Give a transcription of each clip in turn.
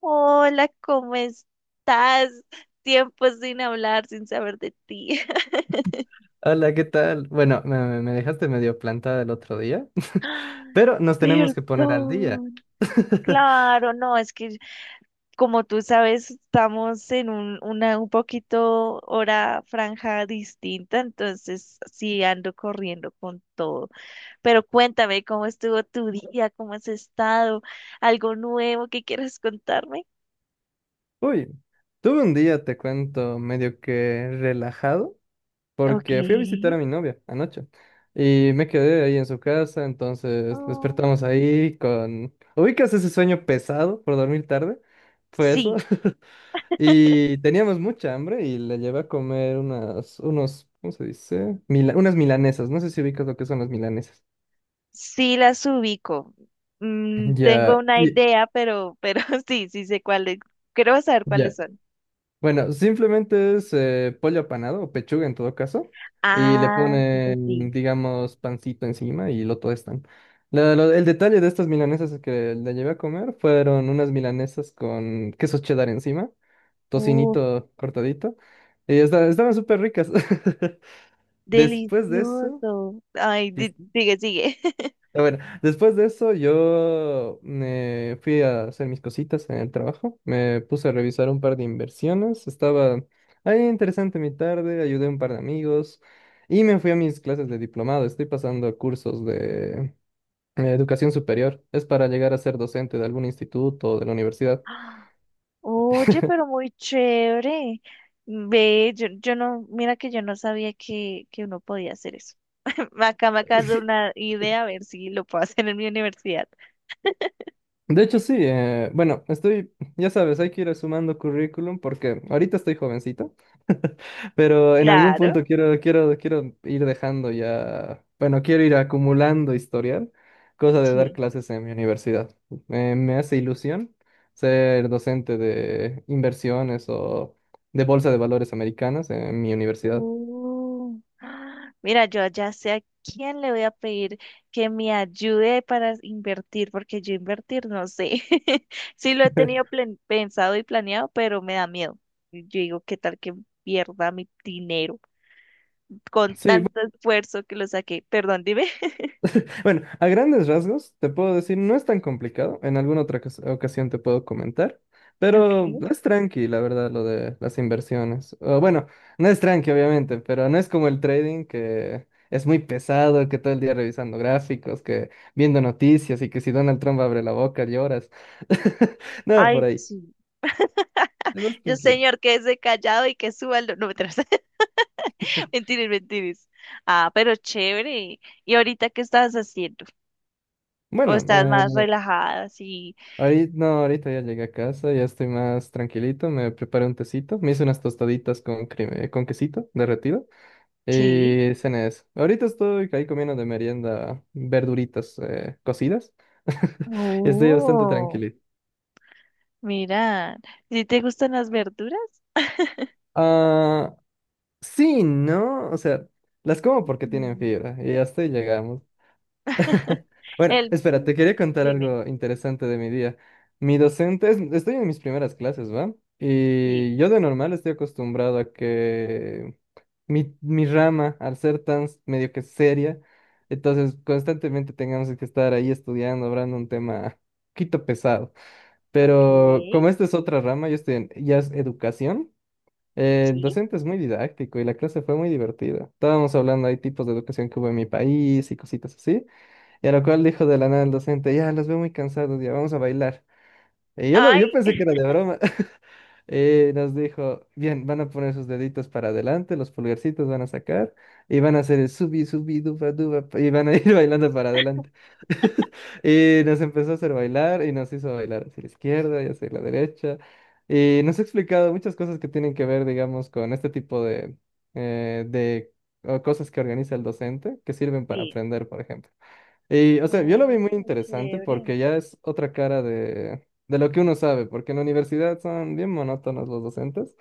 Hola, ¿cómo estás? Tiempo sin hablar, sin saber de ti. Hola, ¿qué tal? Bueno, me dejaste medio plantada el otro día, pero nos tenemos que poner al día. Perdón, claro, no, es que como tú sabes, estamos en una un poquito hora franja distinta, entonces sí ando corriendo con todo. Pero cuéntame, ¿cómo estuvo tu día? ¿Cómo has estado? ¿Algo nuevo que quieras contarme? Uy, tuve un día, te cuento, medio que relajado, porque fui a visitar a Ok. mi novia anoche y me quedé ahí en su casa, entonces Oh, despertamos ahí con... ¿Ubicas ese sueño pesado por dormir tarde? Fue eso. sí. Y teníamos mucha hambre y le llevé a comer unas, unos, ¿cómo se dice? Unas milanesas, no sé si ubicas lo que son las milanesas. Sí las ubico. Mm, tengo Ya, una idea, pero sí, sí sé cuáles. Quiero saber cuáles ya. son. Bueno, simplemente es pollo apanado o pechuga en todo caso. Y le Ah, sí, sí, ponen, sí. digamos, pancito encima y lo están el detalle de estas milanesas que le llevé a comer fueron unas milanesas con queso cheddar encima, Uf, tocinito cortadito. Y estaban súper ricas. Después de eso, delicioso. Ay, sigue, sigue. pero bueno, después de eso yo me fui a hacer mis cositas en el trabajo, me puse a revisar un par de inversiones, estaba ahí interesante mi tarde, ayudé a un par de amigos y me fui a mis clases de diplomado, estoy pasando cursos de educación superior, es para llegar a ser docente de algún instituto o de la universidad. Ah, oye, pero muy chévere. Ve, yo no, mira que yo no sabía que uno podía hacer eso. Acá me acabas de dar una idea, a ver si lo puedo hacer en mi universidad. De hecho, sí, bueno, estoy, ya sabes, hay que ir sumando currículum porque ahorita estoy jovencito. Pero en algún Claro. punto quiero ir dejando ya, bueno, quiero ir acumulando historial, cosa de dar Sí. clases en mi universidad. Me hace ilusión ser docente de inversiones o de bolsa de valores americanas en mi universidad. Ah, mira, yo ya sé a quién le voy a pedir que me ayude para invertir, porque yo invertir no sé. Sí lo he tenido pensado y planeado, pero me da miedo. Yo digo, ¿qué tal que pierda mi dinero con Sí, tanto esfuerzo que lo saqué? Perdón, dime. bueno, a grandes rasgos, te puedo decir, no es tan complicado. En alguna otra ocasión te puedo comentar, pero Okay. es tranqui, la verdad, lo de las inversiones. O, bueno, no es tranqui, obviamente, pero no es como el trading, que es muy pesado, que todo el día revisando gráficos, que viendo noticias y que si Donald Trump abre la boca lloras. Nada por Ay, ahí. sí. Es más Yo, tranquilo. señor, quédese callado y que suba no, mentiras. Mentiras, mentiras. Ah, pero chévere. ¿Y ahorita qué estabas haciendo? O Bueno, estás más relajada, así. ahorita, no, ahorita ya llegué a casa, ya estoy más tranquilito, me preparé un tecito, me hice unas tostaditas con, con quesito derretido. Sí. Y cenes. Ahorita estoy ahí comiendo de merienda verduritas cocidas. Estoy bastante Oh, tranquilito. mira, ¿sí te gustan las verduras? Ah, sí, ¿no? O sea, las como porque tienen Mm, fibra y hasta ahí llegamos. Bueno, El, espera, te mm, quería contar dime. algo interesante de mi día. Mi docente, estoy en mis primeras clases, ¿va? Sí, Y yo de normal estoy acostumbrado a que mi rama, al ser tan medio que seria, entonces constantemente tengamos que estar ahí estudiando, hablando un tema un poquito pesado. Pero ok, como esta es otra rama, yo estoy en, ya es educación. El sí. docente es muy didáctico y la clase fue muy divertida. Estábamos hablando, hay tipos de educación que hubo en mi país y cositas así. Y a lo cual dijo de la nada el docente, ya, los veo muy cansados, ya, vamos a bailar. Y yo, lo, Ay, yo pensé que era de broma. Y nos dijo, bien, van a poner sus deditos para adelante, los pulgarcitos van a sacar y van a hacer el subi, subi, duba, duba, y van a ir bailando para adelante. Y nos empezó a hacer bailar y nos hizo bailar hacia la izquierda y hacia la derecha. Y nos ha explicado muchas cosas que tienen que ver, digamos, con este tipo de o cosas que organiza el docente, que sirven para sí. aprender, por ejemplo. Y, o sea, yo lo vi Oh, muy interesante chévere. porque ya es otra cara de lo que uno sabe, porque en la universidad son bien monótonos los docentes,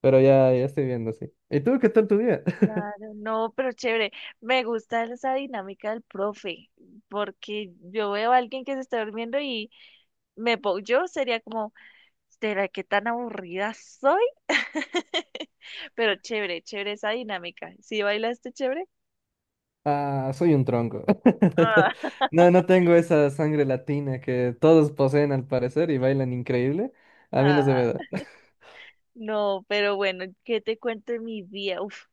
pero ya, ya estoy viendo así. ¿Y tú qué tal tu día? Claro, no, pero chévere. Me gusta esa dinámica del profe, porque yo veo a alguien que se está durmiendo y yo sería como ¿será que tan aburrida soy? Pero chévere, chévere esa dinámica. ¿Sí bailaste chévere? Ah, soy un tronco. Ah, No, no tengo esa sangre latina que todos poseen al parecer y bailan increíble. A mí no se me ah, da. no, pero bueno, ¿qué te cuento de mi día? Uf,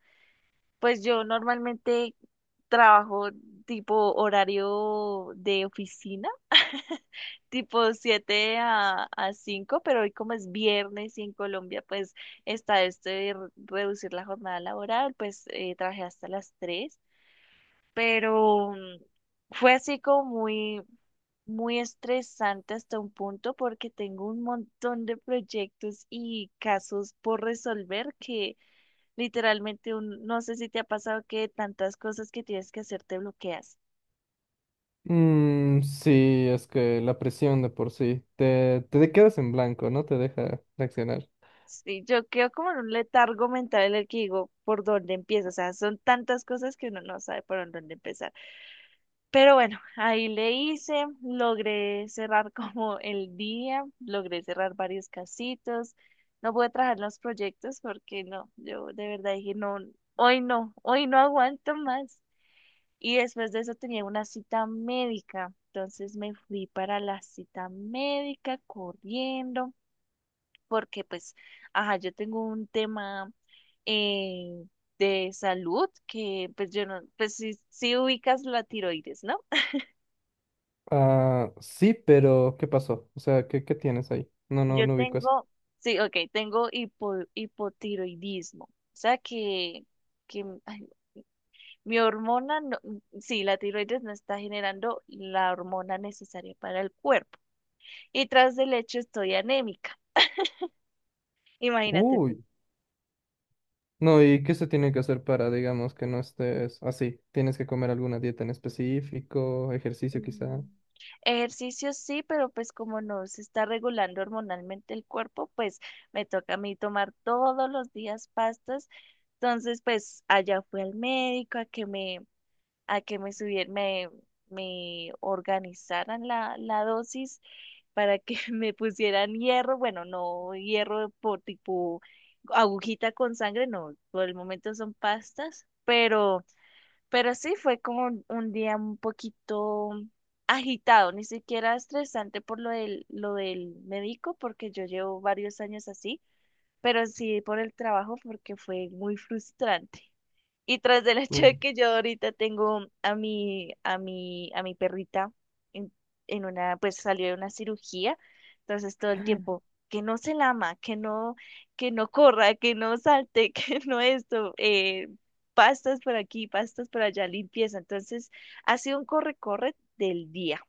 pues yo normalmente trabajo tipo horario de oficina, tipo 7 a 5. Pero hoy como es viernes y en Colombia pues está esto de reducir la jornada laboral, pues trabajé hasta las 3. Pero mm, fue así como muy estresante hasta un punto porque tengo un montón de proyectos y casos por resolver que literalmente no sé si te ha pasado que tantas cosas que tienes que hacer te bloqueas. Mm, sí, es que la presión de por sí te quedas en blanco, no te deja reaccionar. Sí, yo quedo como en un letargo mental en el que digo por dónde empiezo, o sea, son tantas cosas que uno no sabe por dónde empezar. Pero bueno, ahí le hice, logré cerrar como el día, logré cerrar varios casitos. No pude trabajar los proyectos porque no, yo de verdad dije, no, hoy no, hoy no aguanto más. Y después de eso tenía una cita médica, entonces me fui para la cita médica corriendo, porque pues, ajá, yo tengo un tema eh, de salud que pues yo no, pues si ubicas la tiroides, ¿no? Ah, sí, pero ¿qué pasó? O sea, ¿qué, qué tienes ahí? No, no, Yo no ubico eso. tengo, sí, ok, tengo hipotiroidismo. O sea que ay, mi hormona, no, sí, la tiroides no está generando la hormona necesaria para el cuerpo. Y tras del hecho estoy anémica. Imagínate tú. Uy. No, ¿y qué se tiene que hacer para, digamos, que no estés así? ¿Tienes que comer alguna dieta en específico? ¿Ejercicio quizá? Mm, ejercicio sí, pero pues como no se está regulando hormonalmente el cuerpo, pues me toca a mí tomar todos los días pastas. Entonces, pues allá fui al médico a que me subieran, me organizaran la dosis para que me pusieran hierro, bueno, no hierro por tipo agujita con sangre, no, por el momento son pastas, pero sí fue como un día un poquito agitado, ni siquiera estresante por lo del médico, porque yo llevo varios años así, pero sí por el trabajo, porque fue muy frustrante. Y tras del hecho Uh, de que yo ahorita tengo a mi perrita en, en una, pues salió de una cirugía, entonces todo el tiempo, que no se lama, que no, que no corra, que no salte, que no esto, pastas por aquí, pastas por allá, limpieza. Entonces, ha sido un corre-corre del día.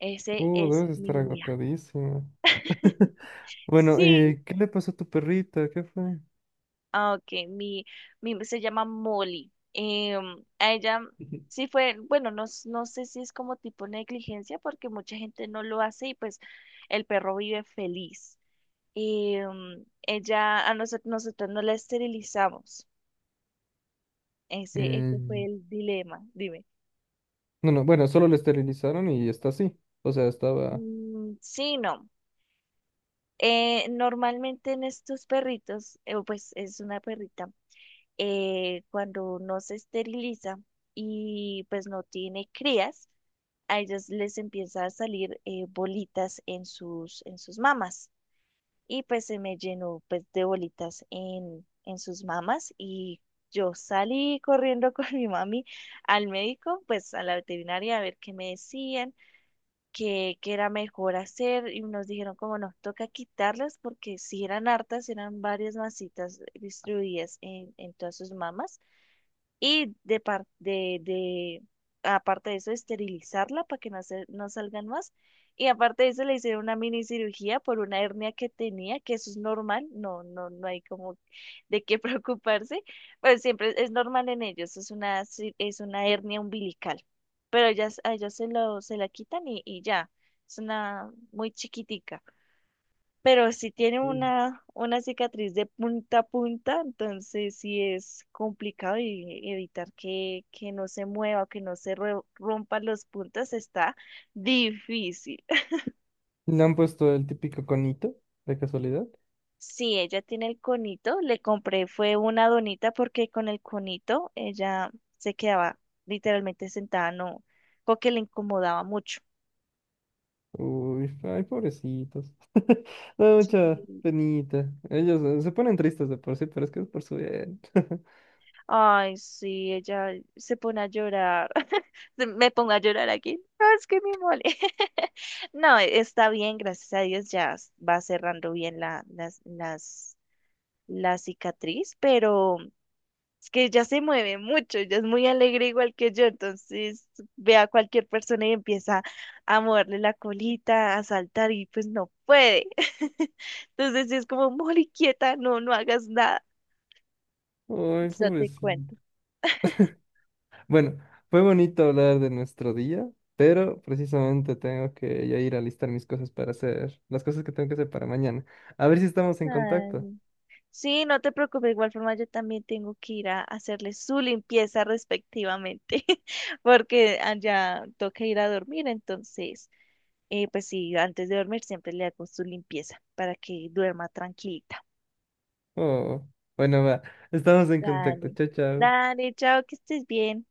Ese es debes estar mi día. agotadísimo. Bueno, Sí, ¿qué le pasó a tu perrita? ¿Qué fue? ah, ok, mi se llama Molly. Em, a ella sí fue, bueno, no, no sé si es como tipo negligencia, porque mucha gente no lo hace y pues el perro vive feliz. Em, ella, nosotros no la esterilizamos. Ese fue Mm, el dilema, dime. no, no, bueno, solo le esterilizaron y está así. O sea, estaba... Mm, sí, no. Normalmente en estos perritos, pues es una perrita. Eh, cuando no se esteriliza y pues no tiene crías, a ellas les empieza a salir bolitas en sus mamas. Y pues se me llenó pues de bolitas en sus mamas y yo salí corriendo con mi mami al médico, pues a la veterinaria a ver qué me decían, qué era mejor hacer y nos dijeron como no, toca quitarlas porque si eran hartas, eran varias masitas distribuidas en todas sus mamas. Y de, par- de- aparte de eso, esterilizarla para que no salgan más. Y aparte de eso, le hicieron una mini cirugía por una hernia que tenía, que eso es normal, no hay como de qué preocuparse, pero siempre es normal en ellos, es es una hernia umbilical. Pero ellas, a ellos se lo, se la quitan y ya, es una muy chiquitica pero si tiene Mm. Una cicatriz de punta a punta, entonces sí es complicado y evitar que no se mueva, que no se rompan los puntos está difícil. Le han puesto el típico conito, de casualidad. Sí, ella tiene el conito, le compré fue una donita porque con el conito ella se quedaba literalmente sentada, no, porque le incomodaba mucho. Uy, ay, pobrecitos. Me da Sí, mucha penita. Ellos se ponen tristes de por sí, pero es que es por su bien. ay, sí, ella se pone a llorar. Me pongo a llorar aquí. No, es que mi mole. No, e, está bien, gracias a Dios, ya va cerrando bien la cicatriz, pero es que ella se mueve mucho, ella es muy alegre igual que yo, entonces ve a cualquier persona y empieza a moverle la colita, a saltar y pues no puede. Entonces sí es como, mole, quieta, no, no hagas nada. Ay, Eso te pobrecito. cuento. Bueno, fue bonito hablar de nuestro día, pero precisamente tengo que ya ir a listar mis cosas para hacer, las cosas que tengo que hacer para mañana. A ver si estamos en Ay, contacto. no. Sí, no te preocupes, de igual forma yo también tengo que ir a hacerle su limpieza respectivamente, porque ah, ya toca ir a dormir, entonces, pues sí, antes de dormir siempre le hago su limpieza para que duerma tranquilita. Oh, bueno, va. Estamos en contacto. Dale, Chao, chao. dale, chao, que estés bien.